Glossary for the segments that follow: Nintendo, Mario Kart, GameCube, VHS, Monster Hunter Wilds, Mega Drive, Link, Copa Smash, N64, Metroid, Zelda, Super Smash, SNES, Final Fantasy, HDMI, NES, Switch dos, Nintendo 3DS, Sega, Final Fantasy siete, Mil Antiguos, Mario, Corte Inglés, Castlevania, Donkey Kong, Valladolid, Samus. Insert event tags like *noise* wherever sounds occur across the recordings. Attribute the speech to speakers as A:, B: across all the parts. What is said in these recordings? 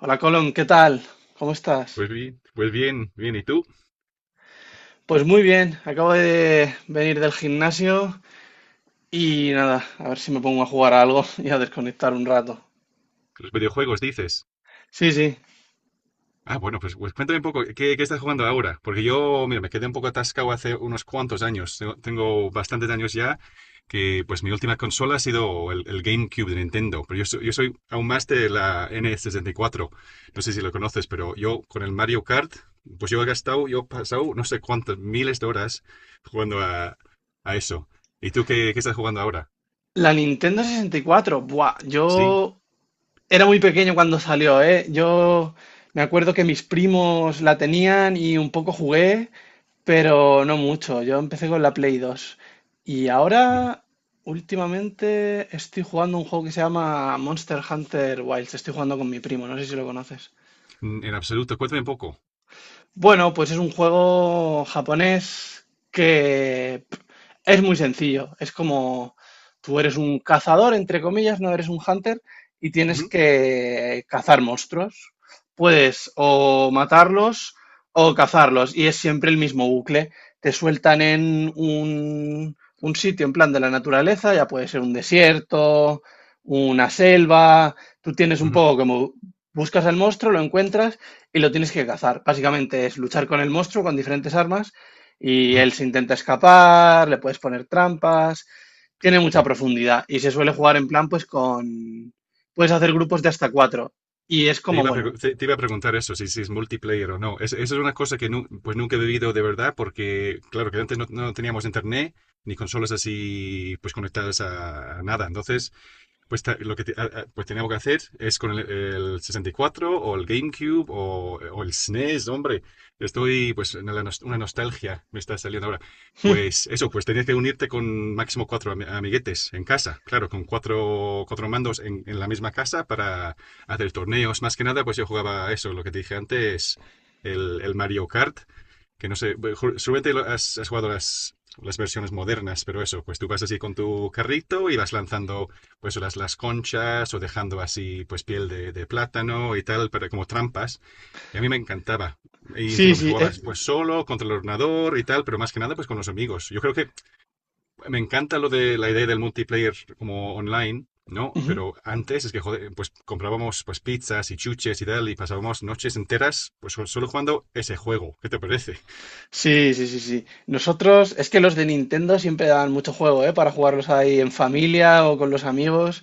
A: Hola Colón, ¿qué tal? ¿Cómo estás?
B: Pues bien, bien. ¿Y tú?
A: Pues muy bien, acabo de venir del gimnasio y nada, a ver si me pongo a jugar a algo *laughs* y a desconectar un rato.
B: Los videojuegos dices.
A: Sí, sí.
B: Ah, bueno, pues cuéntame un poco, ¿qué estás jugando ahora? Porque yo, mira, me quedé un poco atascado hace unos cuantos años. Tengo bastantes años ya que, pues, mi última consola ha sido el GameCube de Nintendo. Pero yo soy aún más de la N64. No sé si lo conoces, pero yo con el Mario Kart, pues yo he pasado no sé cuántas miles de horas jugando a eso. ¿Y tú qué, estás jugando ahora?
A: La Nintendo 64, buah,
B: Sí.
A: yo era muy pequeño cuando salió, ¿eh? Yo me acuerdo que mis primos la tenían y un poco jugué, pero no mucho. Yo empecé con la Play 2 y ahora últimamente estoy jugando un juego que se llama Monster Hunter Wilds. Estoy jugando con mi primo, no sé si lo conoces.
B: Mm. En absoluto. Cuéntame un poco.
A: Bueno, pues es un juego japonés que pff, es muy sencillo. Es como tú eres un cazador, entre comillas, no eres un hunter y tienes que cazar monstruos. Puedes o matarlos o cazarlos y es siempre el mismo bucle. Te sueltan en un sitio en plan de la naturaleza, ya puede ser un desierto, una selva. Tú tienes un
B: Ujú,
A: poco como buscas al monstruo, lo encuentras y lo tienes que cazar. Básicamente es luchar con el monstruo con diferentes armas y
B: ujú,
A: él se intenta escapar, le puedes poner trampas, tiene mucha
B: sí.
A: profundidad y se suele jugar en plan pues con. Puedes hacer grupos de hasta cuatro y es como bueno.
B: Te iba a preguntar eso, si es multiplayer o no. Esa es una cosa que pues nunca he vivido de verdad, porque claro que antes no teníamos internet ni consolas así pues conectadas a nada. Entonces, pues lo que pues teníamos que hacer es con el 64 o el GameCube o el SNES, hombre. Estoy, pues, una nostalgia me está saliendo ahora. Pues eso, pues tenías que unirte con máximo cuatro amiguetes en casa, claro, con cuatro mandos en la misma casa para hacer torneos. Más que nada, pues yo jugaba a eso, lo que te dije antes, el Mario Kart que no sé, súbete, has jugado las versiones modernas, pero eso, pues tú vas así con tu carrito y vas lanzando pues las conchas o dejando así pues piel de plátano y tal, pero como trampas. Y a mí me encantaba. Y
A: Sí,
B: encima pues
A: sí,
B: jugabas pues solo, contra el ordenador y tal, pero más que nada pues con los amigos. Yo creo que me encanta lo de la idea del multiplayer como online, ¿no?
A: ujú.
B: Pero antes es que, joder, pues comprábamos pues pizzas y chuches y tal y pasábamos noches enteras pues solo jugando ese juego. ¿Qué te parece?
A: Sí, sí, sí, sí. Nosotros, es que los de Nintendo siempre dan mucho juego, ¿eh? Para jugarlos ahí en familia o con los amigos.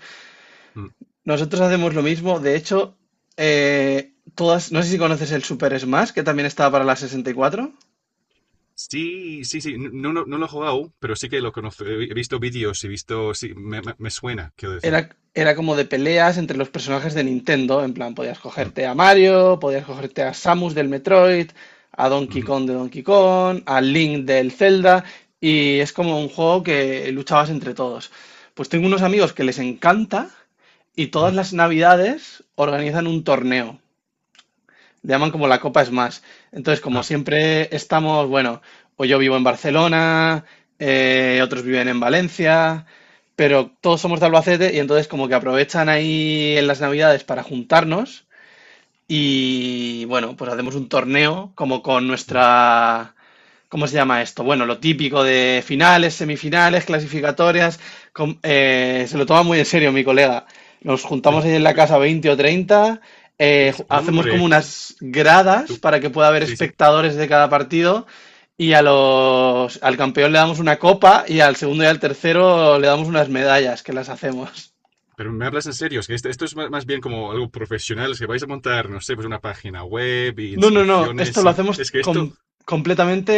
B: Mm.
A: Nosotros hacemos lo mismo. De hecho, todas, no sé si conoces el Super Smash, que también estaba para la 64.
B: Sí, sí, sí. No, no, no lo he jugado aún, pero sí que lo conozco. He visto vídeos, he visto. Sí, me suena, quiero
A: Era,
B: decir.
A: era como de peleas entre los personajes de Nintendo. En plan, podías
B: Mm,
A: cogerte a Mario, podías cogerte a Samus del Metroid, a Donkey
B: ujú,
A: Kong de Donkey Kong, a Link del Zelda. Y es como un juego que luchabas entre todos. Pues tengo unos amigos que les encanta y todas
B: mm,
A: las navidades organizan un torneo. Le llaman como la Copa Smash. Entonces, como
B: ah,
A: siempre estamos, bueno, o yo vivo en Barcelona, otros viven en Valencia, pero todos somos de Albacete y entonces como que aprovechan ahí en las Navidades para juntarnos y bueno, pues hacemos un torneo como con
B: mm,
A: nuestra... ¿Cómo se llama esto? Bueno, lo típico de finales, semifinales, clasificatorias. Se lo toma muy en serio mi colega. Nos
B: sí,
A: juntamos ahí en la casa 20 o 30,
B: sí, sí.
A: hacemos como
B: Hombre,
A: unas gradas
B: tú.
A: para que pueda haber
B: Sí, sí.
A: espectadores de cada partido y al campeón le damos una copa y al segundo y al tercero le damos unas medallas que las hacemos.
B: Pero me hablas en serio, es que esto es más bien como algo profesional. Es que vais a montar, no sé, pues una página web y
A: No, no, no, esto
B: inscripciones
A: lo
B: y
A: hacemos
B: es que esto,
A: completamente,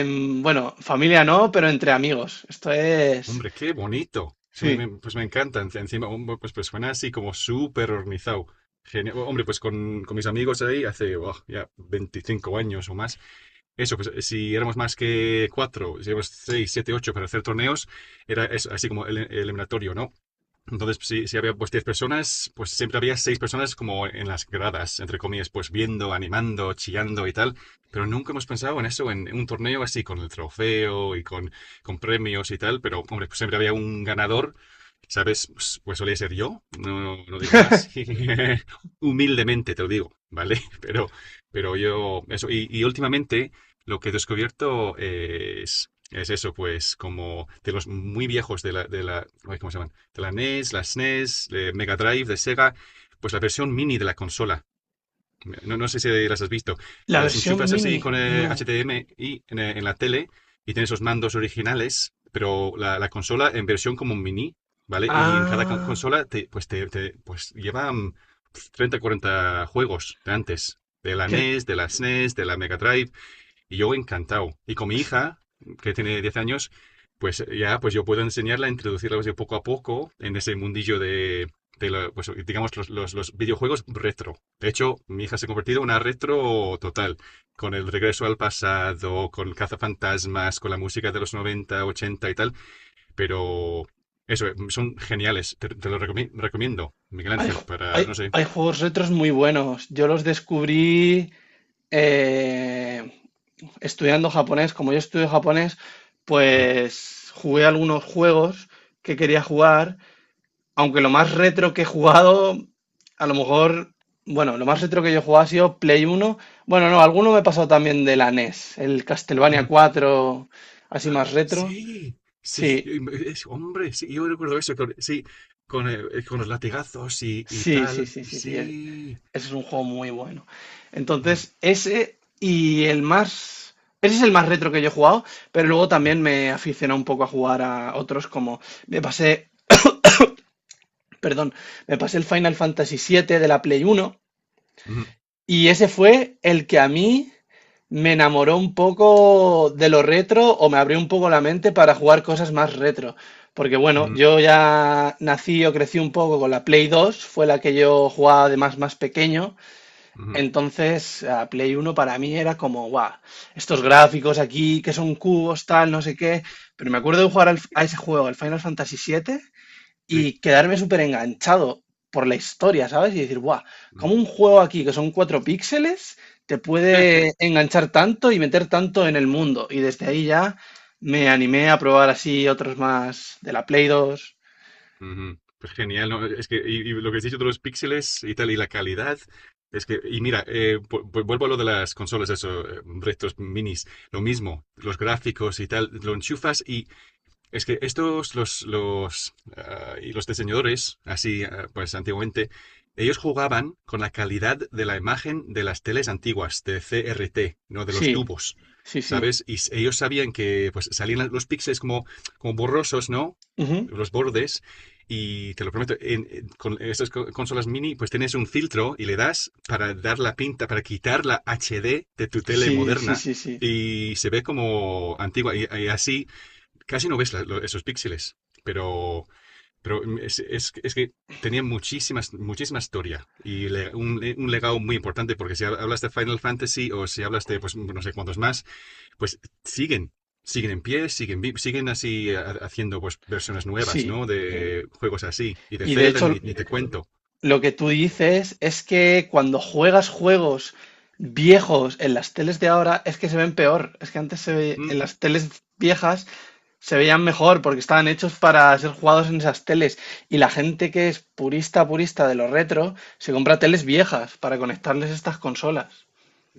A: bueno, familia no, pero entre amigos. Esto es.
B: hombre, qué bonito. Es que
A: Sí.
B: pues me encanta, encima, hombre, pues suena así como súper organizado. Genial. Hombre, pues con mis amigos ahí hace, buah, ya 25 años o más eso, pues si éramos más que cuatro, si éramos seis, siete, ocho para hacer torneos, era eso, así como el eliminatorio, ¿no? Entonces, pues, si había pues 10 personas, pues siempre había 6 personas como en las gradas, entre comillas, pues viendo, animando, chillando y tal. Pero nunca hemos pensado en eso, en un torneo así, con el trofeo y con premios y tal. Pero, hombre, pues siempre había un ganador, ¿sabes? Pues solía ser yo, no, no digo más. *laughs* Humildemente te lo digo, ¿vale? *laughs* Pero yo, eso. Y últimamente lo que he descubierto es eso, pues como de los muy viejos de la, ay, ¿cómo se llama? La NES, la SNES, de Mega Drive, de Sega, pues la versión mini de la consola. No, no sé si las has visto.
A: La
B: Y las
A: versión
B: enchufas así
A: mini,
B: con
A: no.
B: HDMI en la tele y tienes los mandos originales, pero la consola en versión como mini, ¿vale? Y en cada
A: Ah,
B: consola te, pues, pues lleva 30, 40 juegos de antes. De la
A: cre-
B: NES, de la SNES, de la Mega Drive. Y yo encantado. Y con mi hija, que tiene 10 años, pues ya pues yo puedo enseñarla, introducirla pues, de poco a poco en ese mundillo de, pues, digamos, los videojuegos retro. De hecho, mi hija se ha convertido en una retro total, con el regreso al pasado, con cazafantasmas, con la música de los 90 80 y tal, pero eso, son geniales, te lo recomiendo, Miguel
A: hay,
B: Ángel,
A: ju-
B: para, no
A: hay-
B: sé.
A: hay juegos retros muy buenos. Yo los descubrí eh, estudiando japonés. Como yo estudio japonés,
B: Mm.
A: pues jugué algunos juegos que quería jugar. Aunque lo más retro que he jugado, a lo mejor, bueno, lo más retro que yo he jugado ha sido Play uno. Bueno, no, alguno me he pasado también de la NES, el Castlevania 4 así más retro.
B: Sí, sí,
A: Sí,
B: es, hombre, sí, yo recuerdo eso, sí, con los latigazos y
A: sí, sí,
B: tal,
A: sí, sí, sí.
B: sí.
A: Ese es un juego muy bueno.
B: Mm,
A: Entonces, ese y el más. Ese es el más retro que yo he jugado, pero luego también me aficioné un poco a jugar a otros como. Me pasé. Perdón, me pasé el Final Fantasy siete de la Play uno.
B: mm, mm,
A: Y ese fue el que a mí me enamoró un poco de lo retro o me abrió un poco la mente para jugar cosas más retro. Porque bueno, yo ya nací o crecí un poco con la Play 2, fue la que yo jugaba además más pequeño.
B: mm, mm,
A: Entonces, a Play Uno para mí era como, guau, estos gráficos aquí que son cubos, tal, no sé qué. Pero me acuerdo de jugar a ese juego, al Final Fantasy siete
B: sí,
A: y quedarme súper enganchado por la historia, ¿sabes? Y decir, guau,
B: mm.
A: como un juego aquí que son cuatro píxeles te puede
B: *laughs*
A: enganchar tanto y meter tanto en el mundo? Y desde ahí ya me animé a probar así otros más de la Play dos.
B: Ujú, pues genial, ¿no? Es que y lo que has dicho de los píxeles y tal, y la calidad, es que, y mira, vuelvo a lo de las consolas, eso, restos minis, lo mismo, los gráficos y tal, lo enchufas y es que estos, y los diseñadores, así pues antiguamente, ellos jugaban con la calidad de la imagen de las teles antiguas, de CRT, ¿no? De los
A: Sí,
B: tubos,
A: sí, sí.
B: ¿sabes? Y ellos sabían que pues salían los píxeles como, borrosos, ¿no?
A: Ujú.
B: Los bordes. Y te lo prometo, con estas consolas mini, pues tienes un filtro y le das para dar la pinta, para quitar la HD de tu tele
A: Sí, sí,
B: moderna
A: sí, sí.
B: y se ve como antigua. Y así casi no ves esos píxeles, pero, es, es que tenía muchísima historia y un legado muy importante, porque si hablas de Final Fantasy o si hablas de, pues, no sé cuántos más, pues siguen. Siguen en pie, siguen, siguen así haciendo pues versiones nuevas,
A: Sí.
B: ¿no? De juegos así. Y de
A: Y de
B: Zelda ni,
A: hecho,
B: ni te cuento.
A: lo que tú dices es que cuando juegas juegos viejos en las teles de ahora es que se ven peor. Es que antes
B: Mm.
A: en las teles viejas se veían mejor porque estaban hechos para ser jugados en esas teles. Y la gente que es purista, purista de lo retro, se compra teles viejas para conectarles estas consolas.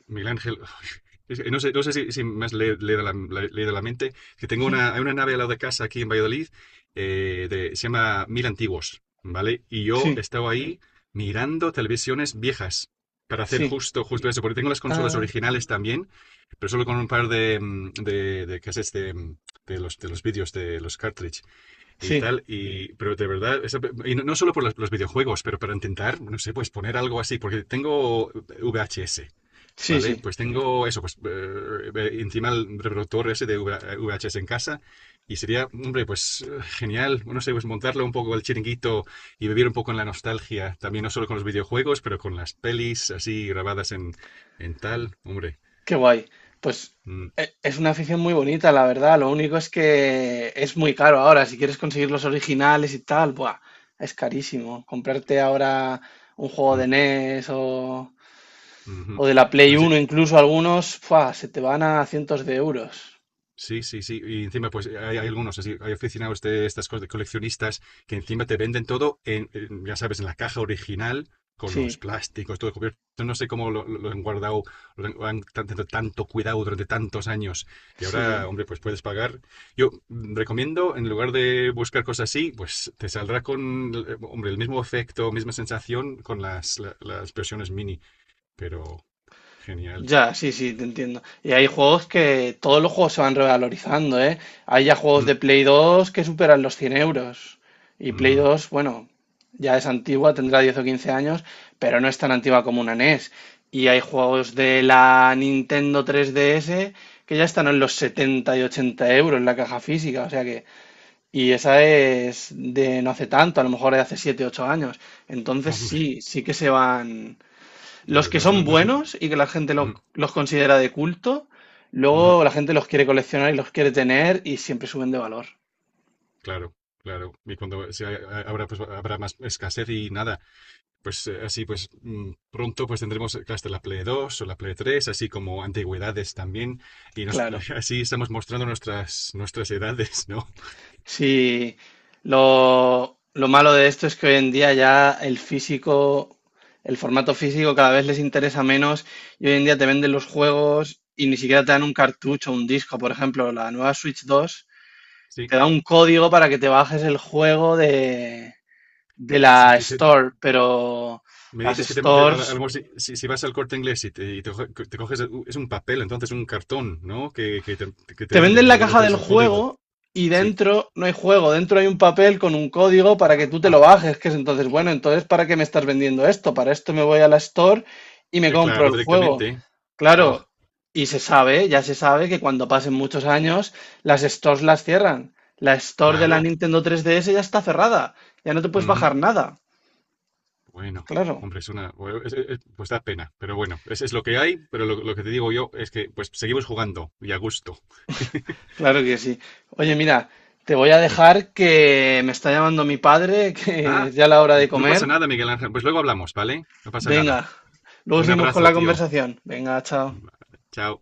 B: Miguel Ángel, *laughs* es que no sé si, me has leído la, leído la mente, que
A: *laughs*
B: hay una nave al lado de casa aquí en Valladolid, se llama Mil Antiguos, ¿vale? Y yo
A: Sí,
B: estaba ahí mirando televisiones viejas para hacer
A: sí.
B: justo eso, porque tengo las consolas
A: Ah,
B: originales también, pero solo con un par de, de cassettes de, de los vídeos, de los cartridge y
A: sí,
B: tal, y, pero de verdad, y no, no solo por los videojuegos, pero para intentar, no sé, pues poner algo así, porque tengo VHS.
A: sí,
B: ¿Vale?
A: sí.
B: Pues tengo eso, pues encima el reproductor ese de VHS en casa y sería, hombre, pues genial, no sé, pues montarle un poco el chiringuito y vivir un poco en la nostalgia, también no solo con los videojuegos, pero con las pelis así grabadas en tal, hombre.
A: Qué guay. Pues
B: Mm,
A: es una afición muy bonita, la verdad. Lo único es que es muy caro ahora. Si quieres conseguir los originales y tal, buah, es carísimo. Comprarte ahora un juego de
B: mm,
A: NES o,
B: ujú.
A: o de la Play
B: No sé.
A: Uno, incluso algunos, ¡fua! Se te van a cientos de euros.
B: Sí, sí, sí. Y encima, pues hay algunos, así, hay aficionados de estas cosas de coleccionistas que encima te venden todo ya sabes, en la caja original, con los
A: Sí,
B: plásticos, todo cubierto. No sé cómo lo han guardado, lo han tanto cuidado durante tantos años. Y ahora,
A: sí.
B: hombre, pues puedes pagar. Yo recomiendo, en lugar de buscar cosas así, pues te saldrá con, hombre, el mismo efecto, misma sensación con las, las versiones mini. Pero genial.
A: Ya, sí, sí, te entiendo. Y hay juegos que todos los juegos se van revalorizando, ¿eh? Hay ya juegos
B: Mm,
A: de Play 2 que superan los 100 euros. Y Play
B: ujú.
A: 2 bueno, ya es antigua, tendrá 10 o 15 años, pero no es tan antigua como una NES. Y hay juegos de la Nintendo 3DS que ya están en los 70 y 80 euros en la caja física, o sea que. Y esa es de no hace tanto, a lo mejor de hace 7 8 años. Entonces
B: Hombre,
A: sí, sí que se van. Los que
B: no es,
A: son
B: no, no es-
A: buenos
B: mm,
A: y que la gente los considera de culto,
B: ujú.
A: luego la gente los quiere coleccionar y los quiere tener y siempre suben de valor.
B: Claro, claro. Y cuando habrá, pues, habrá más escasez y nada, pues así pues pronto pues tendremos hasta la Play 2 o la Play 3, así como antigüedades también. Y
A: Claro.
B: *laughs* así estamos mostrando nuestras, edades, ¿no?
A: Sí, lo malo de esto es que hoy en día ya el físico, el formato físico cada vez les interesa menos y hoy en día te venden los juegos y ni siquiera te dan un cartucho o un disco. Por ejemplo, la nueva Switch 2
B: Sí.
A: te da un código para que te bajes el juego de
B: Si
A: la
B: te,
A: Store, pero
B: me
A: las
B: dices que a lo
A: stores.
B: mejor si, si vas al Corte Inglés y te, te coges, es un papel, entonces un cartón, ¿no? Que te
A: Te venden
B: venden y
A: la
B: luego
A: caja
B: tienes
A: del
B: el código.
A: juego y
B: Sí.
A: dentro no hay juego, dentro hay un papel con un código para que tú te
B: Ah,
A: lo bajes, que es entonces, bueno, entonces, ¿para qué me estás vendiendo esto? Para esto me voy a la store y me compro
B: claro,
A: el juego.
B: directamente. Buah,
A: Claro, y se sabe, ya se sabe que cuando pasen muchos años, las stores las cierran. La store de la
B: claro.
A: Nintendo 3DS ya está cerrada, ya no te puedes bajar
B: Ujú.
A: nada.
B: Bueno,
A: Claro,
B: hombre, es una. Bueno, pues da pena, pero bueno, es lo que hay, pero lo que te digo yo es que pues seguimos jugando y a gusto.
A: claro que sí. Oye, mira, te voy a
B: Mm.
A: dejar que me está llamando mi padre, *laughs* que
B: Ah,
A: es ya la hora de
B: no
A: comer.
B: pasa nada, Miguel Ángel. Pues luego hablamos, ¿vale? No pasa nada.
A: Venga, luego
B: Un
A: seguimos con
B: abrazo,
A: la
B: tío.
A: conversación. Venga, chao.
B: Vale, chao.